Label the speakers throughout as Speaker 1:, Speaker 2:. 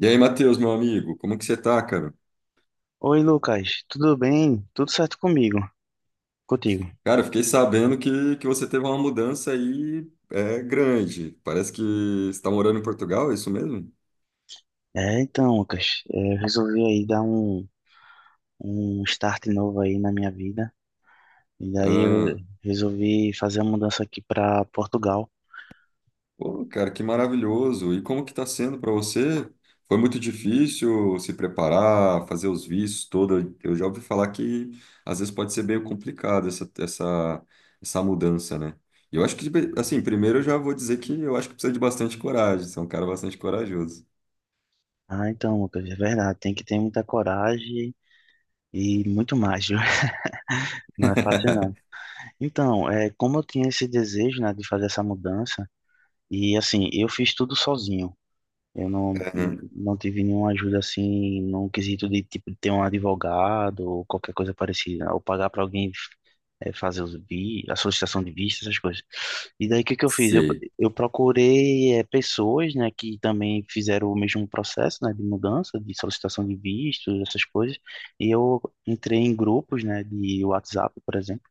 Speaker 1: E aí, Matheus, meu amigo, como que você tá, cara?
Speaker 2: Oi, Lucas, tudo bem? Tudo certo comigo? Contigo?
Speaker 1: Cara, eu fiquei sabendo que você teve uma mudança aí grande. Parece que você está morando em Portugal, é isso mesmo?
Speaker 2: Então, Lucas, eu resolvi aí dar um start novo aí na minha vida. E daí eu
Speaker 1: Ah,
Speaker 2: resolvi fazer a mudança aqui para Portugal.
Speaker 1: pô, cara, que maravilhoso. E como que tá sendo para você? Foi muito difícil se preparar, fazer os vistos todo. Eu já ouvi falar que às vezes pode ser meio complicado essa mudança, né? Eu acho que, assim, primeiro eu já vou dizer que eu acho que precisa de bastante coragem. Você é um cara bastante corajoso.
Speaker 2: Ah, então, Lucas, é verdade, tem que ter muita coragem e muito mais, viu? Não é fácil não. Então, como eu tinha esse desejo, né, de fazer essa mudança, e assim, eu fiz tudo sozinho. Eu não tive nenhuma ajuda assim, num quesito de tipo de ter um advogado ou qualquer coisa parecida, ou pagar para alguém fazer a solicitação de visto, essas coisas. E daí o que que eu fiz?
Speaker 1: Sei.
Speaker 2: Eu procurei pessoas, né, que também fizeram o mesmo processo, né, de mudança, de solicitação de visto, essas coisas. E eu entrei em grupos, né, de WhatsApp, por exemplo,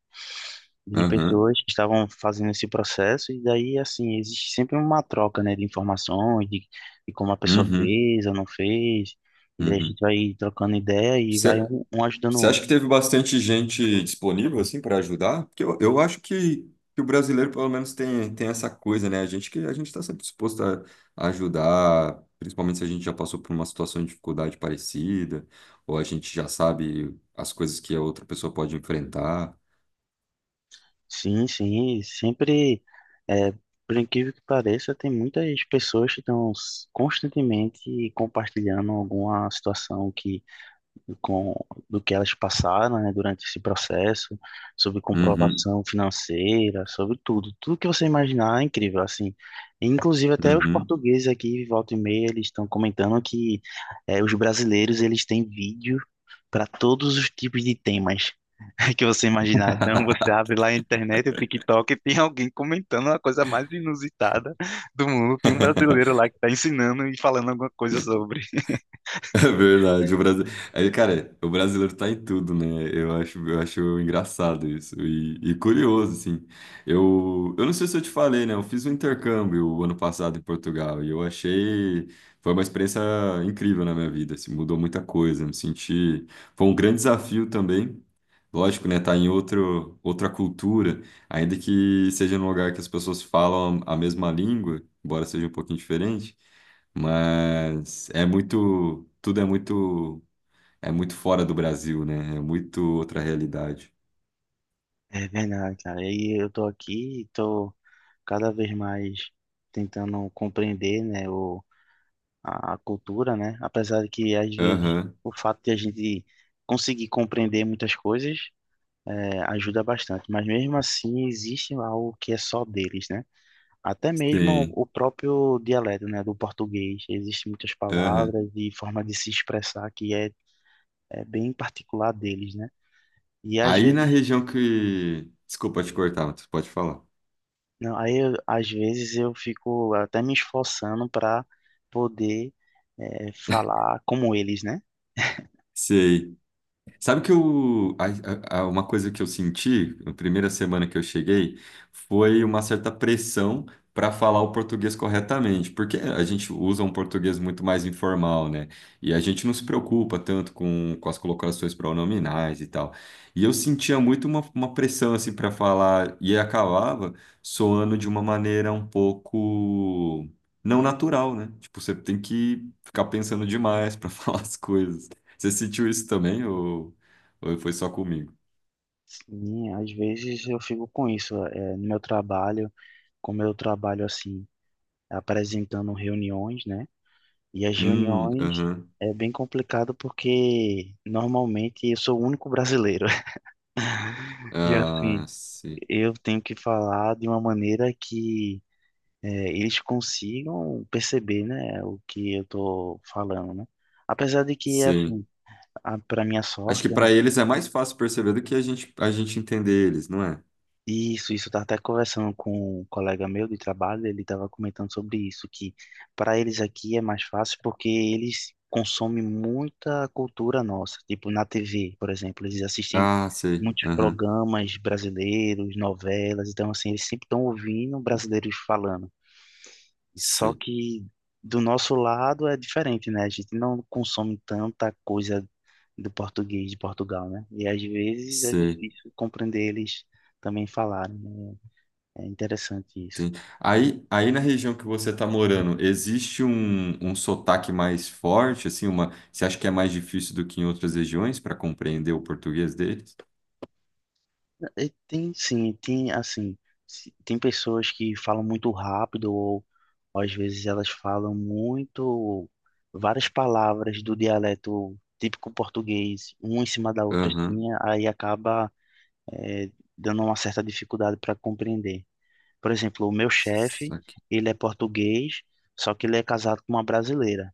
Speaker 2: de
Speaker 1: Aham.
Speaker 2: pessoas que estavam fazendo esse processo, e daí, assim, existe sempre uma troca, né, de informações, de como a pessoa
Speaker 1: Uhum.
Speaker 2: fez ou não fez, e daí a
Speaker 1: Uhum.
Speaker 2: gente vai trocando ideia e vai
Speaker 1: Você
Speaker 2: um ajudando o
Speaker 1: você acha
Speaker 2: outro.
Speaker 1: que teve bastante gente disponível assim para ajudar? Porque eu acho que o brasileiro pelo menos tem essa coisa, né? A gente que a gente está sempre disposto a ajudar, principalmente se a gente já passou por uma situação de dificuldade parecida, ou a gente já sabe as coisas que a outra pessoa pode enfrentar.
Speaker 2: Sim, sim, sempre, é, por incrível que pareça, tem muitas pessoas que estão constantemente compartilhando alguma situação que com do que elas passaram, né, durante esse processo, sobre
Speaker 1: Uhum.
Speaker 2: comprovação financeira, sobre tudo, tudo que você imaginar é incrível, assim. Inclusive até os
Speaker 1: Uhum.
Speaker 2: portugueses aqui, volta e meia, eles estão comentando que os brasileiros eles têm vídeo para todos os tipos de temas que você imaginar. Então você abre lá a internet, o TikTok, e tem alguém comentando a coisa mais inusitada do mundo. Tem um brasileiro lá que está ensinando e falando alguma coisa sobre.
Speaker 1: É verdade, o Brasil... Aí, cara, o brasileiro tá em tudo, né? Eu acho engraçado isso e curioso, assim. Eu não sei se eu te falei, né? Eu fiz um intercâmbio o ano passado em Portugal e eu achei... Foi uma experiência incrível na minha vida, assim, mudou muita coisa, me senti... Foi um grande desafio também, lógico, né? Tá em outro, outra cultura, ainda que seja num lugar que as pessoas falam a mesma língua, embora seja um pouquinho diferente, mas é muito, tudo é muito fora do Brasil, né? É muito outra realidade.
Speaker 2: É verdade, cara. E eu tô aqui, tô cada vez mais tentando compreender, né, a cultura, né? Apesar de que às vezes
Speaker 1: Aham,
Speaker 2: o fato de a gente conseguir compreender muitas coisas ajuda bastante, mas mesmo assim existe algo que é só deles, né? Até mesmo
Speaker 1: sim,
Speaker 2: o próprio dialeto, né, do português, existem muitas
Speaker 1: aham.
Speaker 2: palavras e forma de se expressar que é bem particular deles, né? E às
Speaker 1: Aí na
Speaker 2: vezes.
Speaker 1: região que, desculpa te cortar, mas tu pode falar.
Speaker 2: Não, às vezes eu fico até me esforçando para poder falar como eles, né?
Speaker 1: Sei. Sabe que uma coisa que eu senti na primeira semana que eu cheguei foi uma certa pressão para falar o português corretamente, porque a gente usa um português muito mais informal, né? E a gente não se preocupa tanto com as colocações pronominais e tal. E eu sentia muito uma pressão assim para falar e acabava soando de uma maneira um pouco não natural, né? Tipo, você tem que ficar pensando demais para falar as coisas. Você sentiu isso também ou foi só comigo?
Speaker 2: Sim, às vezes eu fico com isso no meu trabalho, como eu trabalho assim, apresentando reuniões, né? E as reuniões
Speaker 1: Aham.
Speaker 2: é bem complicado porque normalmente eu sou o único brasileiro e assim
Speaker 1: Ah, sim.
Speaker 2: eu tenho que falar de uma maneira que eles consigam perceber, né, o que eu tô falando, né? Apesar de que, assim,
Speaker 1: Sim.
Speaker 2: a para minha
Speaker 1: Acho
Speaker 2: sorte,
Speaker 1: que para eles é mais fácil perceber do que a gente entender eles, não é?
Speaker 2: isso, isso eu tava até conversando com um colega meu de trabalho, ele tava comentando sobre isso, que para eles aqui é mais fácil porque eles consomem muita cultura nossa, tipo na TV, por exemplo, eles assistem
Speaker 1: Ah, sei.
Speaker 2: muitos
Speaker 1: Aham.
Speaker 2: programas brasileiros, novelas, então assim, eles sempre estão ouvindo brasileiros falando. Só
Speaker 1: Sei.
Speaker 2: que do nosso lado é diferente, né? A gente não consome tanta coisa do português de Portugal, né? E às vezes é
Speaker 1: Sei.
Speaker 2: difícil compreender eles também falarem, né? É interessante isso.
Speaker 1: Tem. Aí na região que você está morando, existe um sotaque mais forte, assim, uma, você acha que é mais difícil do que em outras regiões para compreender o português deles?
Speaker 2: E tem sim, tem assim, tem pessoas que falam muito rápido ou às vezes elas falam muito várias palavras do dialeto típico português, uma em cima da outra
Speaker 1: Aham.
Speaker 2: assim, aí acaba é, dando uma certa dificuldade para compreender. Por exemplo, o meu chefe,
Speaker 1: Saquei.
Speaker 2: ele é português, só que ele é casado com uma brasileira.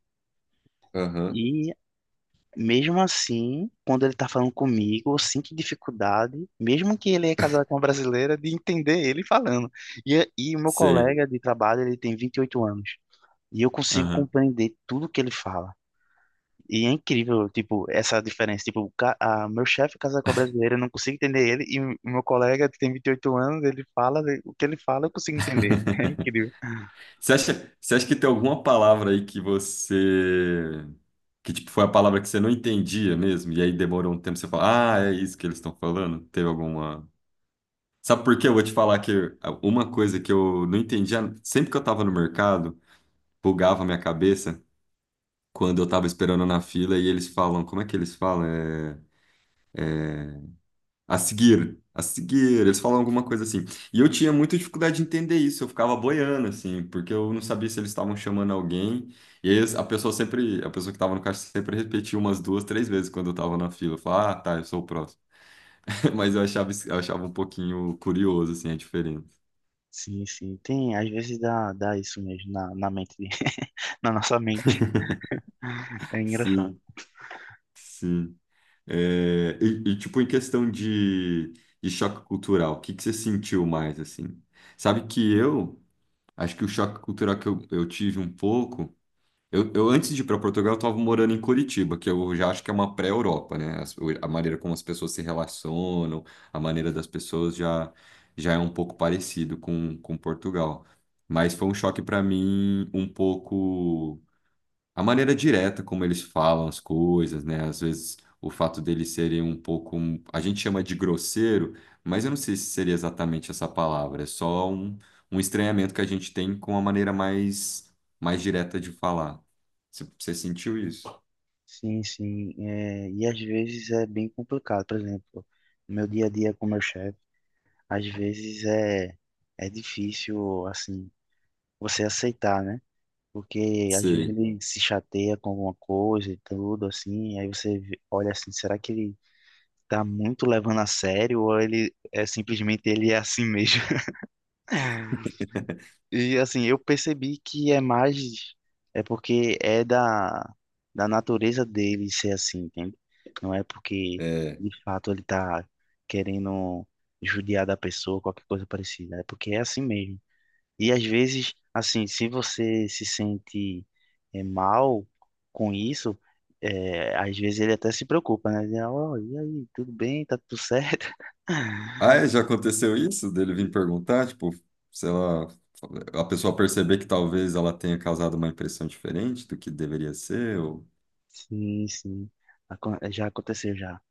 Speaker 1: Aham.
Speaker 2: E mesmo assim, quando ele tá falando comigo, eu sinto dificuldade, mesmo que ele é casado com uma brasileira, de entender ele falando. E o meu
Speaker 1: Sei.
Speaker 2: colega de trabalho, ele tem 28 anos. E eu consigo
Speaker 1: Aham.
Speaker 2: compreender tudo que ele fala. E é incrível, tipo, essa diferença. Tipo, meu chefe casar com a brasileira, eu não consigo entender ele. E o meu colega que tem 28 anos, ele fala, o que ele fala, eu consigo entender. É incrível.
Speaker 1: Você acha que tem alguma palavra aí que você. Que tipo, foi a palavra que você não entendia mesmo? E aí demorou um tempo você falar, ah, é isso que eles estão falando? Teve alguma. Sabe por quê? Eu vou te falar que uma coisa que eu não entendia, sempre que eu tava no mercado, bugava a minha cabeça quando eu tava esperando na fila e eles falam, como é que eles falam? A seguir, eles falam alguma coisa assim. E eu tinha muita dificuldade de entender isso, eu ficava boiando, assim, porque eu não sabia se eles estavam chamando alguém. E aí a pessoa que estava no caixa sempre repetia umas duas, três vezes quando eu estava na fila. Eu falava, ah, tá, eu sou o próximo. Mas eu achava, eu achava um pouquinho curioso, assim, a diferença.
Speaker 2: Sim, sim. Tem, às vezes dá isso mesmo na, na mente, na nossa mente. É engraçado.
Speaker 1: Sim, sim. É, e, tipo, em questão de choque cultural, o que que você sentiu mais, assim? Sabe que acho que o choque cultural que eu tive um pouco. Antes de ir para Portugal, eu estava morando em Curitiba, que eu já acho que é uma pré-Europa, né? Maneira como as pessoas se relacionam, a maneira das pessoas já, já é um pouco parecido com Portugal. Mas foi um choque para mim um pouco a maneira direta como eles falam as coisas, né? Às vezes o fato deles serem um pouco, um, a gente chama de grosseiro, mas eu não sei se seria exatamente essa palavra, é só um estranhamento que a gente tem com a maneira mais direta de falar. Você sentiu isso?
Speaker 2: Sim, sim. É, e às vezes é bem complicado. Por exemplo, no meu dia a dia com meu chefe, às vezes é difícil, assim, você aceitar, né? Porque às vezes
Speaker 1: Sei.
Speaker 2: ele se chateia com alguma coisa e tudo, assim, olha assim, será que ele tá muito levando a sério ou ele é simplesmente ele é assim mesmo? E assim, eu percebi que é mais, é porque é da, da natureza dele ser assim, entende? Não é porque
Speaker 1: É.
Speaker 2: de fato ele tá querendo judiar da pessoa, qualquer coisa parecida, é porque é assim mesmo. E às vezes, assim, se você se sente mal com isso, às vezes ele até se preocupa, né? Ele, "Ó, e aí, tudo bem? Tá tudo certo?"
Speaker 1: Ah, é, já aconteceu isso dele vir perguntar, tipo, sei lá, a pessoa perceber que talvez ela tenha causado uma impressão diferente do que deveria ser, ou...
Speaker 2: Sim, sim. Já aconteceu já.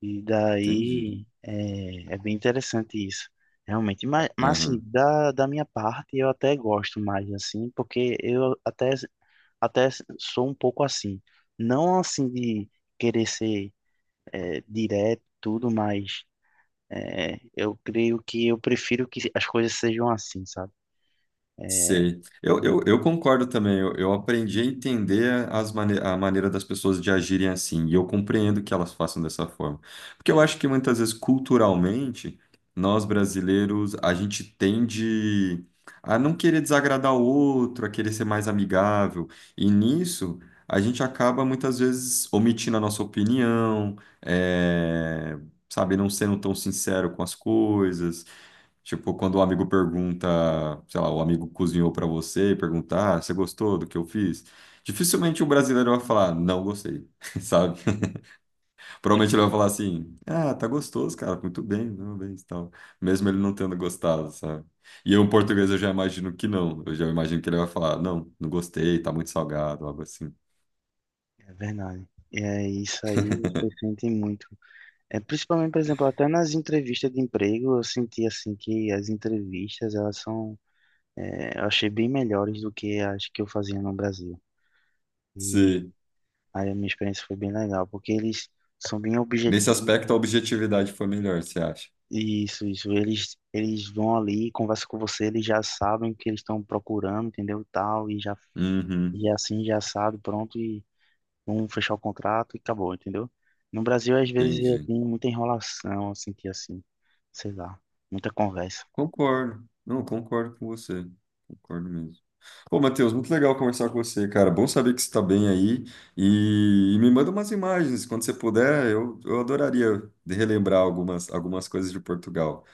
Speaker 2: E
Speaker 1: Entendi.
Speaker 2: daí é bem interessante isso, realmente. Mas assim,
Speaker 1: Aham.
Speaker 2: da, da minha parte, eu até gosto mais, assim, até sou um pouco assim. Não assim de querer ser direto, tudo, mas é, eu creio que eu prefiro que as coisas sejam assim, sabe?
Speaker 1: Sei. Eu concordo também. Eu aprendi a entender as mane a maneira das pessoas de agirem assim. E eu compreendo que elas façam dessa forma. Porque eu acho que muitas vezes, culturalmente, nós brasileiros, a gente tende a não querer desagradar o outro, a querer ser mais amigável. E nisso, a gente acaba muitas vezes omitindo a nossa opinião, é, sabe, não sendo tão sincero com as coisas. Tipo, quando o amigo pergunta, sei lá, o amigo cozinhou pra você e perguntar, ah, você gostou do que eu fiz? Dificilmente o brasileiro vai falar, não gostei, sabe? Provavelmente ele vai falar assim, ah, tá gostoso, cara, muito bem, parabéns, tal. Mesmo ele não tendo gostado, sabe? E eu, em português, eu já imagino que não. Eu já imagino que ele vai falar, não, não gostei, tá muito salgado, algo assim.
Speaker 2: É verdade. É isso aí, você sente muito. É, principalmente, por exemplo, até nas entrevistas de emprego, eu senti assim que as entrevistas, elas são, eu achei bem melhores do que as que eu fazia no Brasil. E
Speaker 1: Sim.
Speaker 2: aí a minha experiência foi bem legal, porque eles são bem
Speaker 1: Nesse
Speaker 2: objetivos.
Speaker 1: aspecto, a objetividade foi melhor, você acha?
Speaker 2: Isso, isso. Eles vão ali, conversam com você, eles já sabem o que eles estão procurando, entendeu? Tal, e já,
Speaker 1: Uhum,
Speaker 2: e assim, já assado, pronto, e vamos fechar o contrato e acabou, entendeu? No Brasil, às vezes,
Speaker 1: entendi.
Speaker 2: tem muita enrolação, eu senti assim, sei lá, muita conversa.
Speaker 1: Concordo. Não, concordo com você. Concordo mesmo. Pô, Matheus, muito legal conversar com você, cara. Bom saber que você está bem aí. E me manda umas imagens, quando você puder, eu adoraria de relembrar algumas, algumas coisas de Portugal.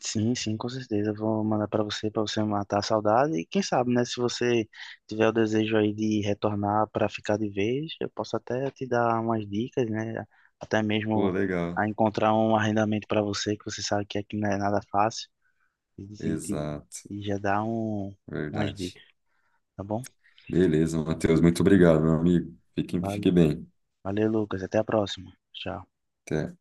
Speaker 2: Sim, sim, com certeza. Eu vou mandar para você matar a saudade. E quem sabe, né? Se você tiver o desejo aí de retornar para ficar de vez, eu posso até te dar umas dicas, né? Até
Speaker 1: Pô,
Speaker 2: mesmo
Speaker 1: legal.
Speaker 2: a encontrar um arrendamento para você, que você sabe que aqui não é nada fácil. E, e,
Speaker 1: Exato,
Speaker 2: e já dar umas
Speaker 1: verdade.
Speaker 2: dicas, tá bom?
Speaker 1: Beleza, Matheus, muito obrigado, meu amigo.
Speaker 2: Valeu.
Speaker 1: Fique bem.
Speaker 2: Valeu, Lucas. Até a próxima. Tchau.
Speaker 1: Até.